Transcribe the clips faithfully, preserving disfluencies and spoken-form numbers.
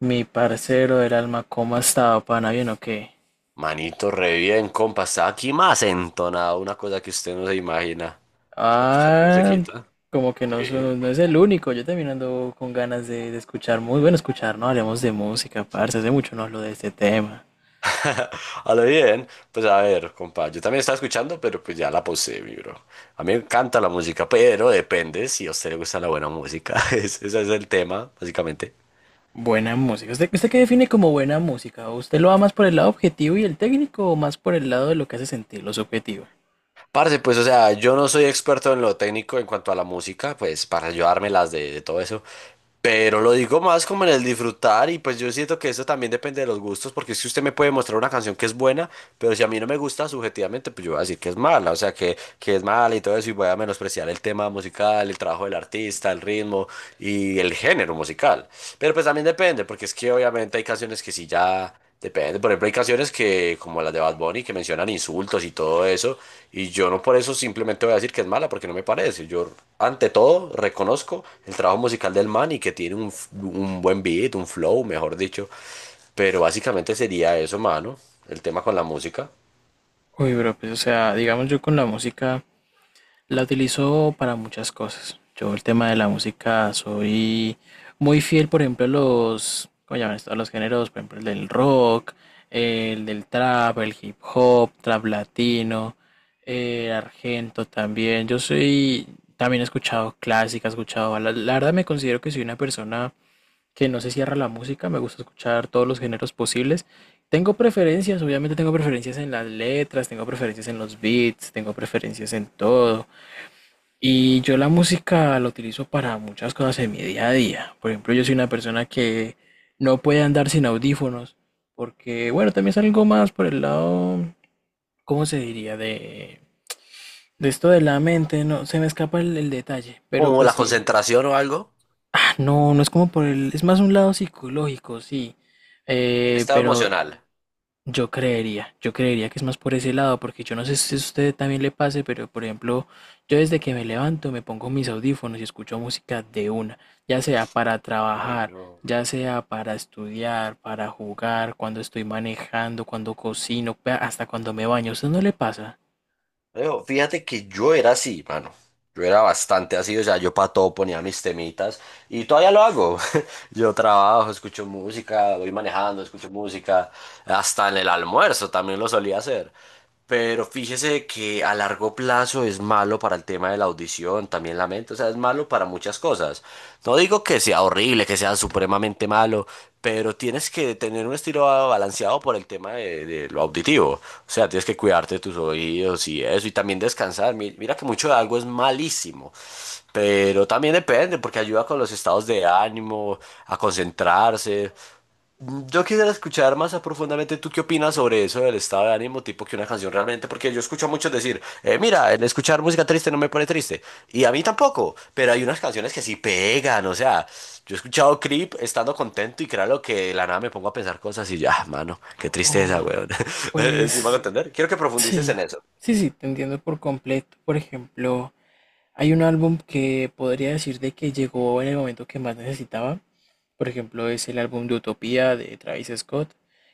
Mi parcero del alma, ¿cómo ha estado, pana? ¿Bien o qué? Manito, re bien, compa. Está aquí más entonado, una cosa que usted no se imagina. Está escuchando Ah, musiquita. Como que no, Sí. so- no es el único. Yo también ando con ganas de, de escuchar muy bueno escuchar, ¿no? Hablemos de música, parce. Hace mucho no hablo de este tema. A lo bien, pues a ver, compa. Yo también estaba escuchando, pero pues ya la pausé, mi bro. A mí me encanta la música, pero depende si a usted le gusta la buena música. Ese ese es el tema, básicamente. Buena música. ¿Usted, usted qué define como buena música? ¿Usted lo va más por el lado objetivo y el técnico o más por el lado de lo que hace sentir, lo subjetivo? Parce, pues, o sea, yo no soy experto en lo técnico en cuanto a la música, pues, para ayudármelas de, de todo eso. Pero lo digo más como en el disfrutar y pues yo siento que eso también depende de los gustos, porque si usted me puede mostrar una canción que es buena, pero si a mí no me gusta subjetivamente, pues yo voy a decir que es mala, o sea, que, que es mala y todo eso, y voy a menospreciar el tema musical, el trabajo del artista, el ritmo y el género musical. Pero pues también depende, porque es que obviamente hay canciones que sí ya... Depende, por ejemplo, hay canciones que, como las de Bad Bunny, que mencionan insultos y todo eso, y yo no por eso simplemente voy a decir que es mala, porque no me parece. Yo, ante todo, reconozco el trabajo musical del man y que tiene un, f- un buen beat, un flow, mejor dicho, pero básicamente sería eso, mano, el tema con la música. Uy, bro, pues o sea, digamos yo con la música. La utilizo para muchas cosas. Yo el tema de la música soy muy fiel, por ejemplo, a los, ¿cómo llaman esto? A los géneros, por ejemplo, el del rock, el del trap, el hip hop, trap latino, eh, argento también. Yo soy, también he escuchado clásica, he escuchado baladas. La verdad me considero que soy una persona que no se cierra a la música, me gusta escuchar todos los géneros posibles. Tengo preferencias, obviamente tengo preferencias en las letras, tengo preferencias en los beats, tengo preferencias en todo. Y yo la música la utilizo para muchas cosas en mi día a día. Por ejemplo, yo soy una persona que no puede andar sin audífonos, porque, bueno, también es algo más por el lado, ¿cómo se diría? De, de esto de la mente, no, se me escapa el, el detalle, pero Como pues la sí. concentración o algo. Ah, no, no es como por el, es más un lado psicológico, sí. El Eh, estado pero emocional. Yo creería, yo creería que es más por ese lado, porque yo no sé si a usted también le pase, pero por ejemplo, yo desde que me levanto me pongo mis audífonos y escucho música de una, ya sea para Ay, trabajar, no. ya sea para estudiar, para jugar, cuando estoy manejando, cuando cocino, pe- hasta cuando me baño. ¿A usted no le pasa? Alejo, fíjate que yo era así, mano. Yo era bastante así, o sea, yo para todo ponía mis temitas y todavía lo hago. Yo trabajo, escucho música, voy manejando, escucho música, hasta en el almuerzo también lo solía hacer. Pero fíjese que a largo plazo es malo para el tema de la audición depresión, también la mente, o sea, es malo para muchas cosas. No digo que sea horrible, que sea supremamente malo, pero tienes que tener un estilo balanceado por el tema de, de lo auditivo. O sea, tienes que cuidarte de tus oídos y eso, y también descansar. Mi- Mira que mucho de algo es malísimo, pero también depende, porque ayuda con los estados de ánimo, a concentrarse. Yo quisiera escuchar más a profundamente tú qué opinas sobre eso del estado de ánimo, tipo que una canción realmente, porque yo escucho a muchos decir, eh, mira, el escuchar música triste no me pone triste, y a mí tampoco, pero hay unas canciones que sí pegan, o sea, yo he escuchado Creep estando contento y créalo que de la nada me pongo a pensar cosas y ya, mano, qué tristeza, Oh, weón. Sí, me van a pues entender. Quiero que profundices sí, en eso. sí, sí, te entiendo por completo. Por ejemplo, hay un álbum que podría decir de que llegó en el momento que más necesitaba. Por ejemplo, es el álbum de Utopía de Travis Scott,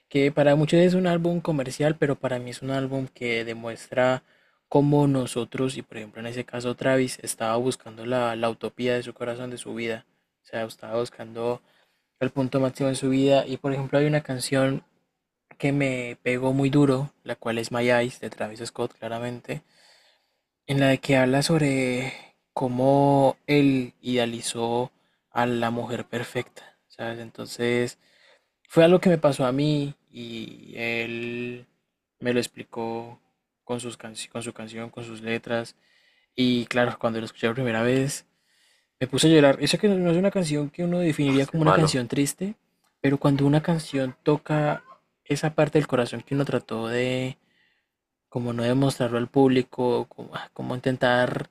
que para muchos es un álbum comercial, pero para mí es un álbum que demuestra cómo nosotros, y por ejemplo en ese caso Travis, estaba buscando la, la utopía de su corazón, de su vida. O sea, estaba buscando el punto máximo de su vida. Y por ejemplo hay una canción que me pegó muy duro, la cual es My Eyes de Travis Scott, claramente, en la que habla sobre cómo él idealizó a la mujer perfecta. ¿Sabes? Entonces... Fue algo que me pasó a mí y él me lo explicó con sus canci- con su canción, con sus letras. Y claro, cuando lo escuché la primera vez, me puse a llorar. Eso que no, no es una canción que uno Ah, definiría qué como una malo. canción triste, pero cuando una canción toca esa parte del corazón que uno trató de, como no demostrarlo al público, como, ah, como intentar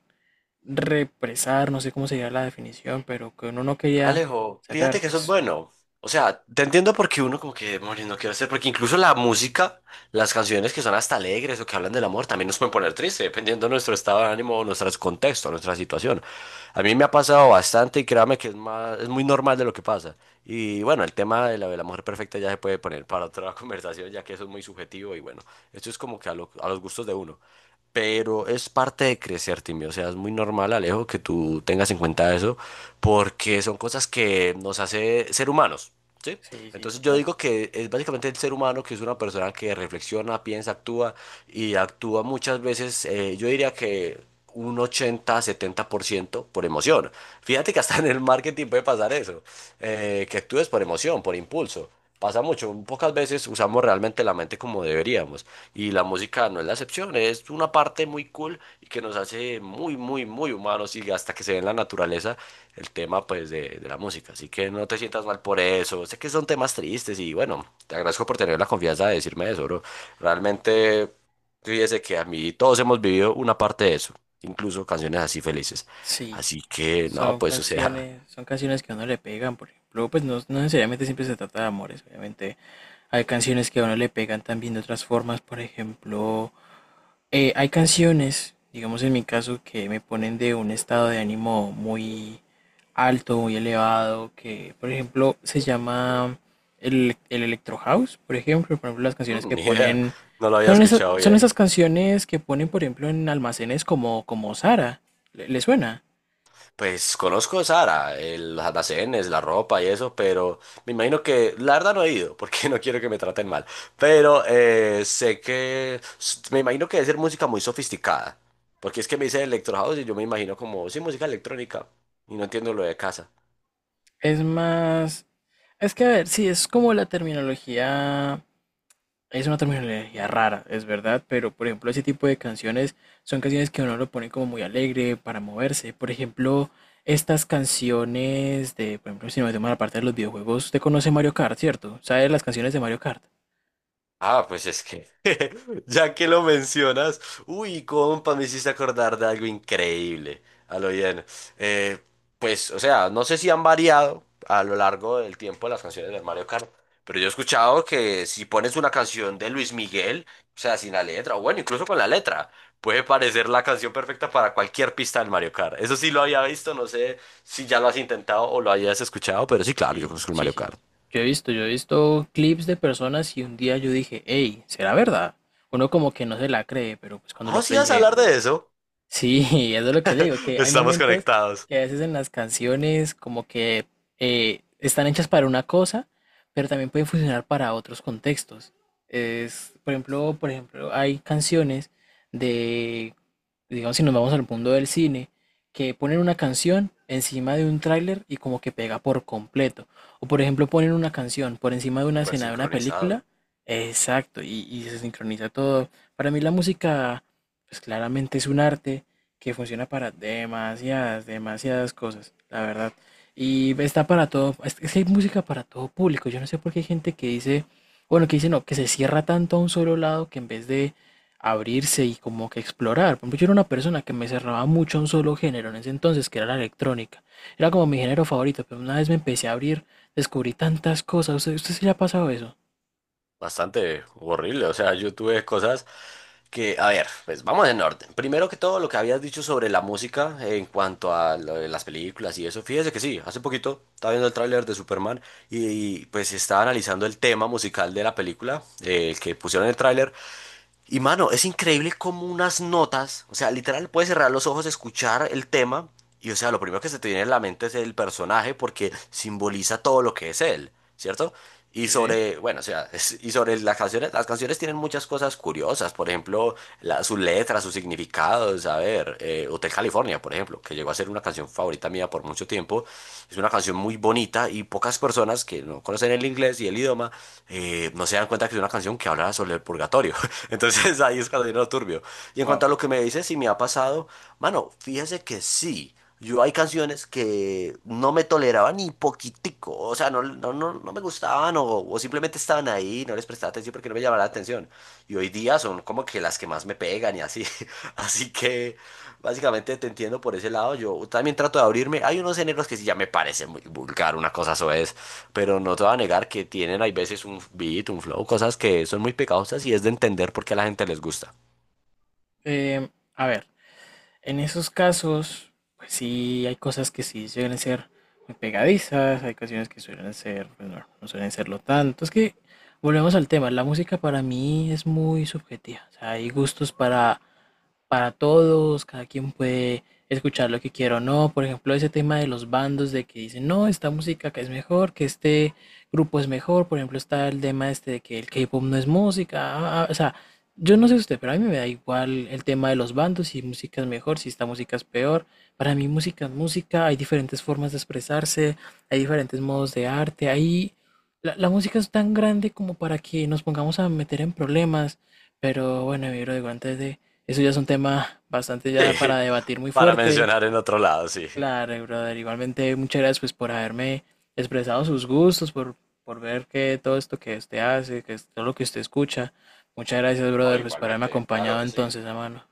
represar, no sé cómo sería la definición, pero que uno no quería Alejo, fíjate sacar, que eso es pues bueno. O sea, te entiendo porque uno como que, demonios, no quiero hacer, porque incluso la música, las canciones que son hasta alegres o que hablan del amor, también nos pueden poner triste dependiendo de nuestro estado de ánimo, o nuestro contexto, nuestra situación. A mí me ha pasado bastante y créame que es más, es muy normal de lo que pasa. Y bueno, el tema de la, de la mujer perfecta ya se puede poner para otra conversación, ya que eso es muy subjetivo y bueno, esto es como que a, lo- a los gustos de uno pero es parte de crecer, Timmy. O sea, es muy normal, Alejo, que tú tengas en cuenta eso, porque son cosas que nos hace ser humanos, ¿sí? sí, sí, Entonces yo total. digo que es básicamente el ser humano que es una persona que reflexiona, piensa, actúa y actúa muchas veces, eh, yo diría que un ochenta-setenta por ciento por emoción. Fíjate que hasta en el marketing puede pasar eso, eh, que actúes por emoción, por impulso. Pasa mucho, pocas veces usamos realmente la mente como deberíamos. Y la música no es la excepción, es una parte muy cool y que nos hace muy, muy, muy humanos y hasta que se ve en la naturaleza el tema pues de, de la música. Así que no te sientas mal por eso. Sé que son temas tristes y bueno, te agradezco por tener la confianza de decirme eso, bro. Realmente, fíjese que a mí todos hemos vivido una parte de eso, incluso canciones así felices. Sí, Así que no, son pues o sea, canciones, son canciones que a uno le pegan, por ejemplo, pues no, no necesariamente siempre se trata de amores, obviamente hay canciones que a uno le pegan también de otras formas, por ejemplo, eh, hay canciones, digamos en mi caso, que me ponen de un estado de ánimo muy alto, muy elevado, que por ejemplo se llama el, el electro house, por ejemplo, por ejemplo las canciones que ni idea, ponen, no lo había son esas, escuchado son bien. esas canciones que ponen, por ejemplo, en almacenes como, como Zara, ¿le le suena? Pues conozco Sara, el- los almacenes, la ropa y eso, pero me imagino que la verdad no he ido, porque no quiero que me traten mal. Pero eh, sé que s- me imagino que debe ser música muy sofisticada, porque es que me dice electro house y yo me imagino como, sí, música electrónica, y no entiendo lo de casa. Es más, es que a ver, sí, es como la terminología, es una terminología rara, es verdad, pero por ejemplo ese tipo de canciones son canciones que uno lo pone como muy alegre para moverse. Por ejemplo, estas canciones de, por ejemplo, si nos metemos a la parte de los videojuegos, usted conoce Mario Kart, ¿cierto? ¿Sabe las canciones de Mario Kart? Ah, pues es que, ya que lo mencionas, uy, compa, me hiciste acordar de algo increíble, a lo bien. Eh, pues, o sea, no sé si han variado a lo largo del tiempo las canciones del Mario Kart, pero yo he escuchado que si pones una canción de Luis Miguel, o sea, sin la letra, o bueno, incluso con la letra, puede parecer la canción perfecta para cualquier pista del Mario Kart. Eso sí lo había visto, no sé si ya lo has intentado o lo hayas escuchado, pero sí, claro, yo Sí, conozco el sí, Mario sí. Kart. Yo he visto, yo he visto clips de personas y un día yo dije, hey, ¿será verdad? Uno como que no se la cree, pero pues cuando lo Oh, sí, probé vas a dije, hablar "Uh". de eso. Sí, eso es lo que digo, que hay Estamos momentos conectados. que a veces en las canciones como que eh, están hechas para una cosa, pero también pueden funcionar para otros contextos. Es, por ejemplo, por ejemplo, hay canciones de digamos, si nos vamos al mundo del cine, que ponen una canción encima de un tráiler y como que pega por completo. O por ejemplo, ponen una canción por encima de una Súper escena de una película. sincronizado. Exacto, y, y se sincroniza todo. Para mí la música, pues claramente es un arte que funciona para demasiadas, demasiadas cosas, la verdad. Y está para todo, es es que hay música para todo público. Yo no sé por qué hay gente que dice, bueno, que dice no, que se cierra tanto a un solo lado que en vez de abrirse y como que explorar. Por ejemplo, yo era una persona que me cerraba mucho a un solo género en ese entonces, que era la electrónica. Era como mi género favorito, pero una vez me empecé a abrir, descubrí tantas cosas. ¿Usted, usted sí le ha pasado eso? Bastante horrible. O sea, yo tuve cosas que, a ver, pues vamos en orden. Primero que todo, lo que habías dicho sobre la música en cuanto a lo de las películas y eso. Fíjese que sí, hace poquito estaba viendo el tráiler de Superman y, y, pues estaba analizando el tema musical de la película, eh, el que pusieron en el tráiler. Y mano, es increíble como unas notas, o sea, literal puedes cerrar los ojos, escuchar el tema y o sea, lo primero que se te viene en la mente es el personaje porque simboliza todo lo que es él, ¿cierto? Y Sí, sobre, bueno, o sea, es- y sobre las canciones, las canciones tienen muchas cosas curiosas, por ejemplo, la- sus letras, sus significados, a ver, eh, Hotel California, por ejemplo, que llegó a ser una canción favorita mía por mucho tiempo, tiempo. Es una canción muy bonita y pocas personas que no conocen el inglés y el idioma eh, no se dan cuenta que es una canción que habla sobre el purgatorio. Entonces ahí es cuando viene lo turbio. Y en cuanto a wow. lo que me dices, si me ha pasado, mano, fíjese que sí. Yo hay canciones que no me toleraban ni poquitico, o sea, no, no, no, no me gustaban o, o simplemente estaban ahí, no les prestaba atención porque no me llamaba la atención. Y hoy día son como que las que más me pegan y así. Así que básicamente te entiendo por ese lado. Yo también trato de abrirme. Hay unos géneros que sí ya me parece muy vulgar, una cosa soez, pero no te voy a negar que tienen, hay veces, un beat, un flow, cosas que son muy pegajosas y es de entender por qué a la gente les gusta. Eh, a ver, en esos casos, pues sí, hay cosas que sí suelen ser muy pegadizas, hay canciones que suelen ser, pues no, no suelen serlo tanto. Es que volvemos al tema, la música para mí es muy subjetiva. O sea, hay gustos para para todos, cada quien puede escuchar lo que quiera o no. Por ejemplo, ese tema de los bandos de que dicen, no, esta música que es mejor, que este grupo es mejor. Por ejemplo, está el tema este de que el K-pop no es música. Ah, ah, ah, o sea, yo no sé usted, pero a mí me da igual el tema de los bandos, si música es mejor, si esta música es peor. Para mí música es música, hay diferentes formas de expresarse, hay diferentes modos de arte, hay... La, la música es tan grande como para que nos pongamos a meter en problemas, pero bueno, mi bro, digo, antes de eso ya es un tema bastante ya para Sí, debatir muy para fuerte. mencionar en otro lado, sí. Claro, brother. Igualmente, muchas gracias pues por haberme expresado sus gustos, por, por ver que todo esto que usted hace, que es todo lo que usted escucha. Muchas gracias, No, brother, pues por haberme igualmente, créalo acompañado que sí. entonces, hermano.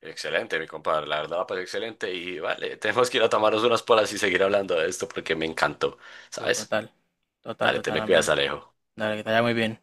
Excelente, mi compadre, la verdad la excelente y vale, tenemos que ir a tomarnos unas polas y seguir hablando de esto porque me encantó, Oh, ¿sabes? total, total, Dale, te total, me cuidas, hermano. Alejo. Dale, que te vaya muy bien.